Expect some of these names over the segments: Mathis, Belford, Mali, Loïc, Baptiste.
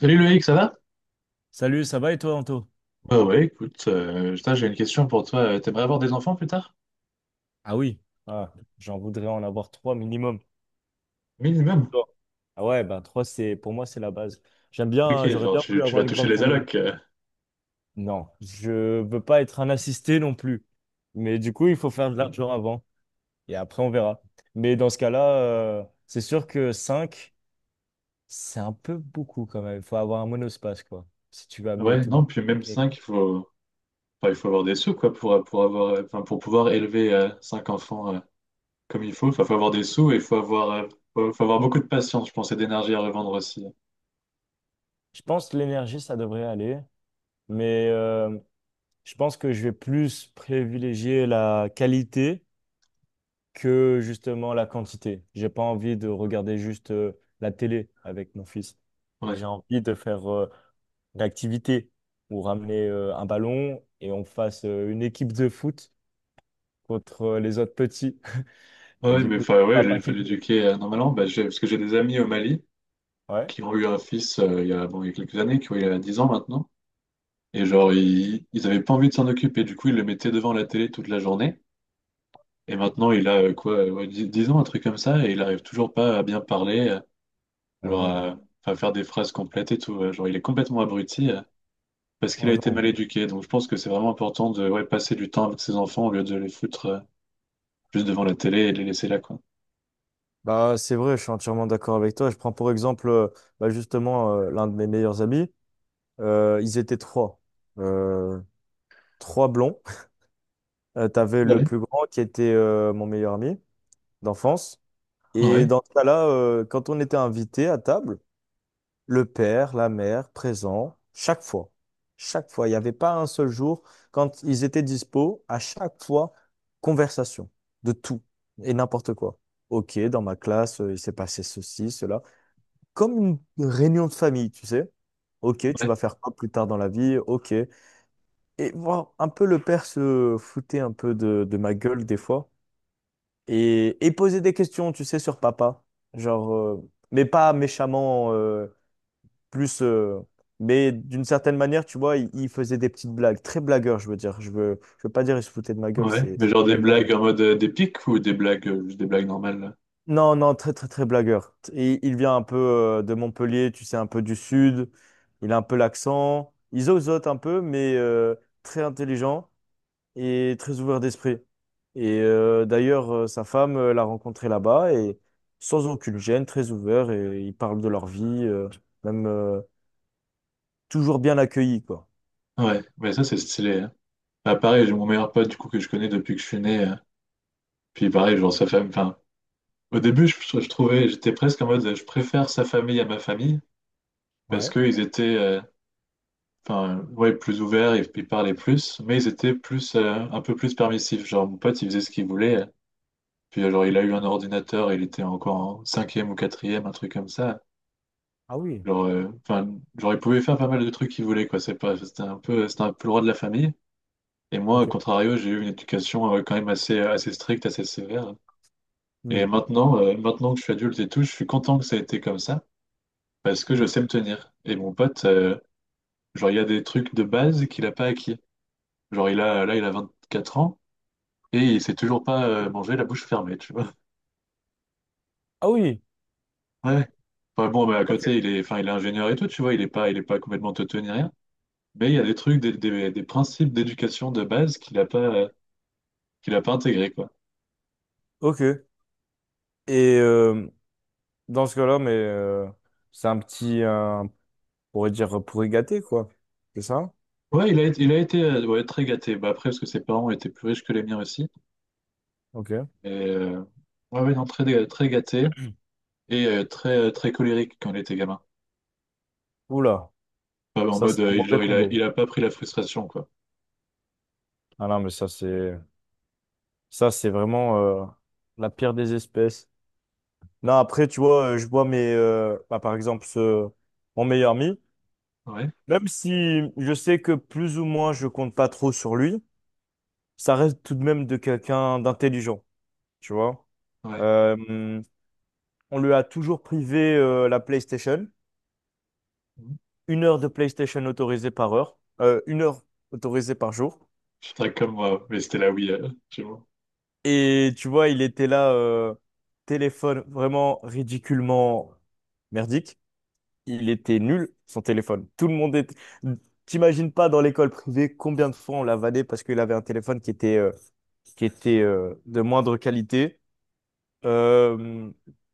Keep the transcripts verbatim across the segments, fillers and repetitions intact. Salut Loïc, ça va? Salut, ça va et toi, Anto? Ouais, ouais, écoute, euh, putain, j'ai une question pour toi. Euh, T'aimerais avoir des enfants plus tard? Ah oui, ah, j'en voudrais en avoir trois minimum. Minimum. Toi? Ah ouais, bah trois, c'est pour moi, c'est la base. J'aime Ok, bien, j'aurais genre bien tu, voulu tu avoir vas une toucher grande les famille. allocs. Euh. Non, je veux pas être un assisté non plus. Mais du coup, il faut faire de l'argent avant. Et après, on verra. Mais dans ce cas-là, euh, c'est sûr que cinq, c'est un peu beaucoup quand même. Il faut avoir un monospace, quoi. Si tu veux amener Ouais, tout le monde. non, puis même Technique. cinq, il faut, enfin, il faut avoir des sous, quoi, pour, pour avoir, euh, enfin, pour pouvoir élever euh, cinq enfants euh, comme il faut. Enfin, faut avoir des sous et il faut avoir, euh, faut, faut avoir beaucoup de patience, je pense, et d'énergie à revendre aussi. Je pense que l'énergie, ça devrait aller. Mais euh, je pense que je vais plus privilégier la qualité que justement la quantité. J'ai pas envie de regarder juste euh, la télé avec mon fils. Et Ouais, j'ai envie de faire euh, une activité ou ramener euh, un ballon et on fasse euh, une équipe de foot contre euh, les autres petits. ouais, Et ouais, du mais coup, il y enfin, a ouais, il papa faut qui joue. l'éduquer euh, normalement. Bah, j'ai- parce que j'ai des amis au Mali Ouais. qui ont eu un fils euh, il y a, bon, il y a quelques années, qui ont eu euh, dix ans maintenant. Et genre, ils, ils avaient pas envie de s'en occuper. Du coup, ils le mettaient devant la télé toute la journée. Et maintenant, il a euh, quoi, euh, ouais, dix- 10 ans, un truc comme ça, et il arrive toujours pas à bien parler, euh, Oh genre non. à, à faire des phrases complètes et tout. euh, Genre, il est complètement abruti euh, parce qu'il Oh a été mal non. éduqué. Donc, je pense que c'est vraiment important de ouais, passer du temps avec ses enfants au lieu de les foutre euh, juste devant la télé et les laisser là, quoi. Bah, c'est vrai, je suis entièrement d'accord avec toi. Je prends pour exemple euh, bah, justement euh, l'un de mes meilleurs amis. Euh, ils étaient trois. Euh, Trois blonds. Euh, t'avais le Ouais. plus grand qui était euh, mon meilleur ami d'enfance. Et Ouais, dans ce cas-là, euh, quand on était invité à table, le père, la mère, présent, chaque fois. Chaque fois. Il n'y avait pas un seul jour. Quand ils étaient dispo, à chaque fois, conversation de tout et n'importe quoi. Ok, dans ma classe, euh, il s'est passé ceci, cela. Comme une réunion de famille, tu sais. Ok, tu ouais, vas faire quoi plus tard dans la vie? Ok. Et voir un peu le père se foutait un peu de de ma gueule des fois et, et poser des questions, tu sais, sur papa. Genre, euh, mais pas méchamment, euh, plus. Euh, mais d'une certaine manière, tu vois, il, il faisait des petites blagues. Très blagueur, je veux dire. Je veux, je veux pas dire il se foutait de ma gueule, ouais. c'est. Mais c'est genre pas des exagéré. blagues en mode euh, des pics ou des blagues, euh, juste des blagues normales là. Non, non, très, très, très blagueur. Et il vient un peu euh, de Montpellier, tu sais, un peu du sud. Il a un peu l'accent. Il zozote un peu, mais euh, très intelligent. Et très ouvert d'esprit. Et euh, d'ailleurs, euh, sa femme euh, l'a rencontré là-bas et sans aucune gêne, très ouvert et ils parlent de leur vie, euh, même euh, toujours bien accueillis, quoi. Ouais, mais ça, c'est stylé, hein. Bah, pareil, j'ai mon meilleur pote, du coup, que je connais depuis que je suis né. Euh, Puis pareil, genre sa famille. Enfin, au début, je, je trouvais, j'étais presque en mode, euh, je préfère sa famille à ma famille parce Ouais. qu'ils étaient, euh, enfin, ouais, plus ouverts, ils, ils parlaient plus, mais ils étaient plus, euh, un peu plus permissifs. Genre mon pote, il faisait ce qu'il voulait. Euh. Puis euh, genre, il a eu un ordinateur, il était encore en cinquième ou quatrième, un truc comme ça. Ah oui. Genre, euh, enfin, genre, il pouvait faire pas mal de trucs qu'il voulait, quoi. C'est pas, c'était un peu, c'était un peu le roi de la famille. Et moi, au Ok. contrario, j'ai eu une éducation euh, quand même assez, euh, assez stricte, assez sévère. Et Mm. maintenant, euh, maintenant que je suis adulte et tout, je suis content que ça ait été comme ça, parce que Hmm. je sais me tenir. Et mon pote, euh, genre, il y a des trucs de base qu'il a pas acquis. Genre, il a, là, il a vingt-quatre ans et il sait toujours pas euh, manger la bouche fermée, tu vois. Ah oui. Ouais. Enfin, bon, mais à Ok. côté, il est, enfin, il est ingénieur et tout, tu vois, il est pas, il est pas complètement teuté ni rien. Mais il y a des trucs, des, des, des principes d'éducation de base qu'il a pas, euh, qu'il a pas intégré, quoi. Ok. Et euh, dans ce cas-là, mais euh, c'est un petit, un- on pourrait dire pourri gâté, quoi. C'est ça? Ouais, il a, été- il a été euh, ouais, très gâté. Bah, après, parce que ses parents étaient plus riches que les miens aussi. Ok. Et, euh, ouais, ouais, non, très, très gâté. Et euh, très, euh, très colérique quand il était gamin. Oula, Enfin, en ça mode, c'est un euh, mauvais genre, il a, combo. il a pas pris la frustration, quoi. Ah non, mais ça c'est, ça c'est vraiment euh, la pire des espèces. Non, après, tu vois, euh, je vois mes, euh, bah, par exemple, ce, mon meilleur ami. Ouais, Même si je sais que plus ou moins je compte pas trop sur lui, ça reste tout de même de quelqu'un d'intelligent, tu vois. ouais. Euh, on lui a toujours privé euh, la PlayStation, Mhm. une heure de PlayStation autorisée par heure, euh, une heure autorisée par jour. Je serais comme moi, mais c'était la Wii, euh, chez moi. Et tu vois, il était là, euh, téléphone vraiment ridiculement merdique. Il était nul, son téléphone. Tout le monde était... T'imagines pas dans l'école privée combien de fois on l'a vanné parce qu'il avait un téléphone qui était, euh, qui était euh, de moindre qualité. Euh,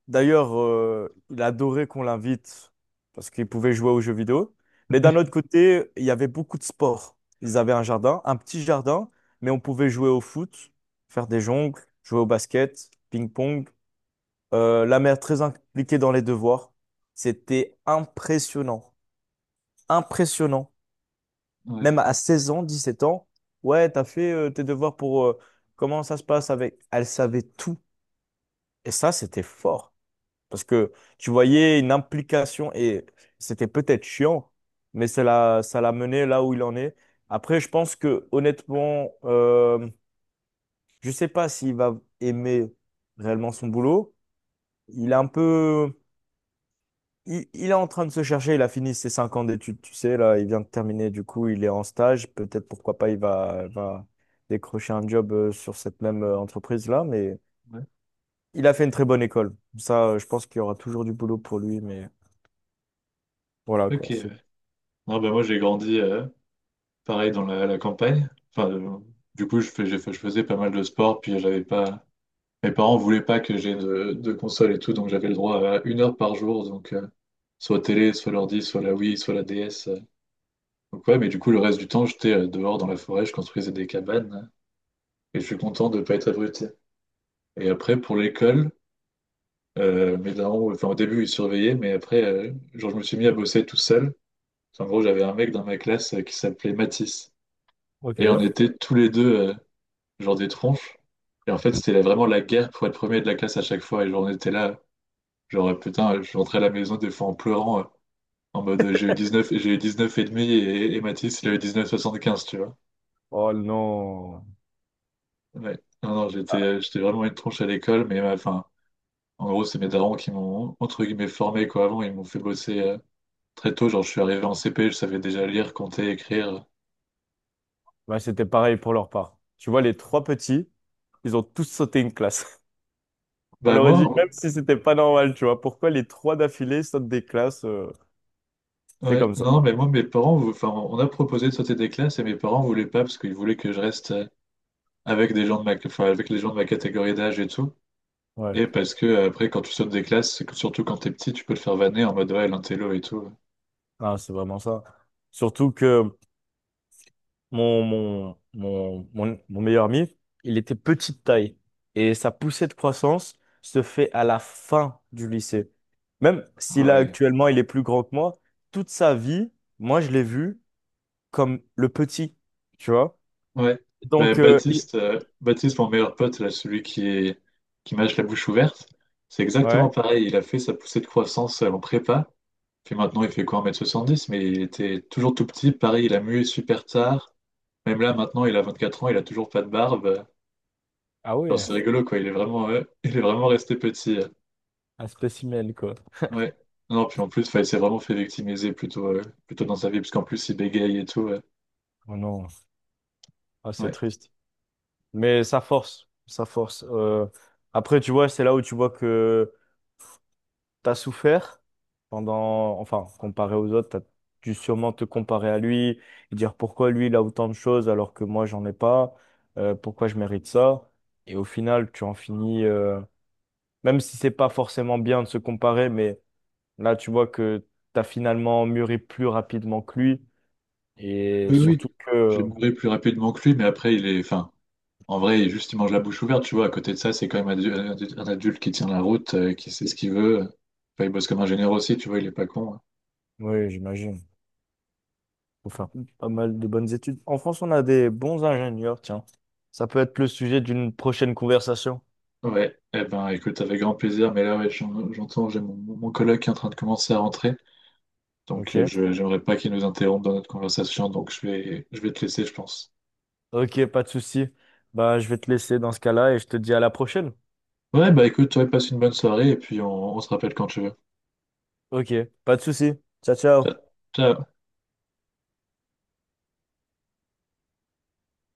D'ailleurs, euh, il adorait qu'on l'invite parce qu'il pouvait jouer aux jeux vidéo. Mais d'un autre côté, il y avait beaucoup de sports. Ils avaient un jardin, un petit jardin, mais on pouvait jouer au foot, faire des jongles, jouer au basket, ping-pong. Euh, la mère très impliquée dans les devoirs. C'était impressionnant impressionnant. Ouais, Même à seize ans, dix sept ans, ouais, t'as fait euh, tes devoirs pour euh, comment ça se passe avec. Elle savait tout. Et ça, c'était fort. Parce que tu voyais une implication et c'était peut-être chiant, mais ça l'a, ça l'a mené là où il en est. Après, je pense que honnêtement, euh, je sais pas s'il va aimer réellement son boulot. Il est un peu Il, il est en train de se chercher, il a fini ses cinq ans d'études, tu sais, là, il vient de terminer, du coup, il est en stage. Peut-être, pourquoi pas, il va, va décrocher un job euh, sur cette même euh, entreprise-là, mais ouais. il a fait une très bonne école. Ça, euh, je pense qu'il y aura toujours du boulot pour lui, mais voilà, Ok, quoi. ouais. c'est- Non, bah, moi, j'ai grandi, euh, pareil, dans la, la campagne. Enfin, euh, du coup, je fais, j'ai fait- je faisais pas mal de sport, puis j'avais pas... Mes parents voulaient pas que j'ai de, de console et tout, donc j'avais le droit à une heure par jour, donc... euh, Soit télé, soit l'ordi, soit la Wii, soit la D S. Euh. Donc ouais, mais du coup, le reste du temps, j'étais euh, dehors dans la forêt, je construisais des cabanes, euh, et je suis content de pas être abruti. Et après, pour l'école, euh, mes darons, enfin, au début, ils surveillaient, mais après, euh, genre, je me suis mis à bosser tout seul. Enfin, en gros, j'avais un mec dans ma classe euh, qui s'appelait Mathis. Ok. Et on était tous les deux, euh, genre, des tronches. Et en fait, c'était la- vraiment la guerre pour être premier de la classe à chaque fois. Et genre, on était là, genre, euh, putain, je rentrais à la maison des fois en pleurant, euh, en mode, euh, j'ai eu dix neuf j'ai eu dix neuf et demi et, et Mathis, il a eu dix neuf soixante quinze, tu vois. Oh non. Ouais. Non, non, j'étais, Ah, euh, j'étais vraiment une tronche à l'école, mais euh, enfin, en gros, c'est mes darons qui m'ont, entre guillemets, formé, quoi. Avant, ils m'ont fait bosser. euh, Très tôt, genre, je suis arrivé en C P, je savais déjà lire, compter, écrire. bah, c'était pareil pour leur part. Tu vois, les trois petits, ils ont tous sauté une classe. On Bah, aurait moi, dit, même si c'était pas normal, tu vois, pourquoi les trois d'affilée sautent des classes, euh, c'est ouais, comme ça. non, mais moi, mes parents, vou- enfin, on a proposé de sauter des classes et mes parents voulaient pas parce qu'ils voulaient que je reste euh, avec des gens de ma, enfin, avec les gens de ma catégorie d'âge et tout. Ouais. Et parce que, euh, après, quand tu sautes des classes, c'est que- surtout quand t'es petit, tu peux te faire vanner en mode, ouais, l'intello et tout. Ah, c'est vraiment ça. Surtout que mon, mon, mon, mon, mon meilleur ami, il était petite taille. Et sa poussée de croissance se fait à la fin du lycée. Même Ah si là, ouais. actuellement, il est plus grand que moi, toute sa vie, moi, je l'ai vu comme le petit, tu vois? Ouais. Bah, Donc, euh, il... Baptiste, euh, Baptiste, mon meilleur pote, là, celui qui est, qui mâche la bouche ouverte, c'est exactement Ouais. pareil. Il a fait sa poussée de croissance euh, en prépa. Puis maintenant, il fait quoi, un mètre soixante-dix. Mais il était toujours tout petit. Pareil, il a mué super tard. Même là, maintenant, il a vingt-quatre ans, il a toujours pas de barbe. Ah Genre, ouais, c'est rigolo, quoi. Il est vraiment, euh, il est vraiment resté petit. Euh. un spécimen, quoi. Ouais. Non, puis en plus, 'fin, il s'est vraiment fait victimiser plutôt, euh, plutôt dans sa vie, parce qu'en plus, il bégaye et tout. Euh. Oh non, ah, c'est Ouais. triste. Mais ça force, ça force. Euh, Après, tu vois, c'est là où tu vois que t'as souffert pendant, enfin, comparé aux autres, t'as dû sûrement te comparer à lui, et dire pourquoi lui il a autant de choses alors que moi j'en ai pas, euh, pourquoi je mérite ça. Et au final, tu en finis, euh, même si c'est pas forcément bien de se comparer, mais là tu vois que t'as finalement mûri plus rapidement que lui. Et Oui, oui. surtout J'ai que, mouru plus rapidement que lui, mais après, il est. Enfin, en vrai, il- juste, il mange la bouche ouverte, tu vois. À côté de ça, c'est quand même adu- un adu- un adulte qui tient la route, euh, qui sait ce qu'il veut. Enfin, il bosse comme ingénieur aussi, tu vois, il est pas con, hein. oui, j'imagine, faut faire pas mal de bonnes études. En France, on a des bons ingénieurs, tiens. Ça peut être le sujet d'une prochaine conversation. Ouais, eh ben écoute, avec grand plaisir, mais là ouais, j'en- j'entends, j'ai mon, mon coloc qui est en train de commencer à rentrer, donc euh, Ok. je j'aimerais pas qu'il nous interrompe dans notre conversation, donc je vais je vais te laisser, je pense. Ok, pas de souci. Bah, je vais te laisser dans ce cas-là et je te dis à la prochaine. Ouais, bah écoute, ouais, passe une bonne soirée et puis on, on se rappelle quand tu veux. Ok, pas de souci. Ciao, ciao. Ciao. Ciao.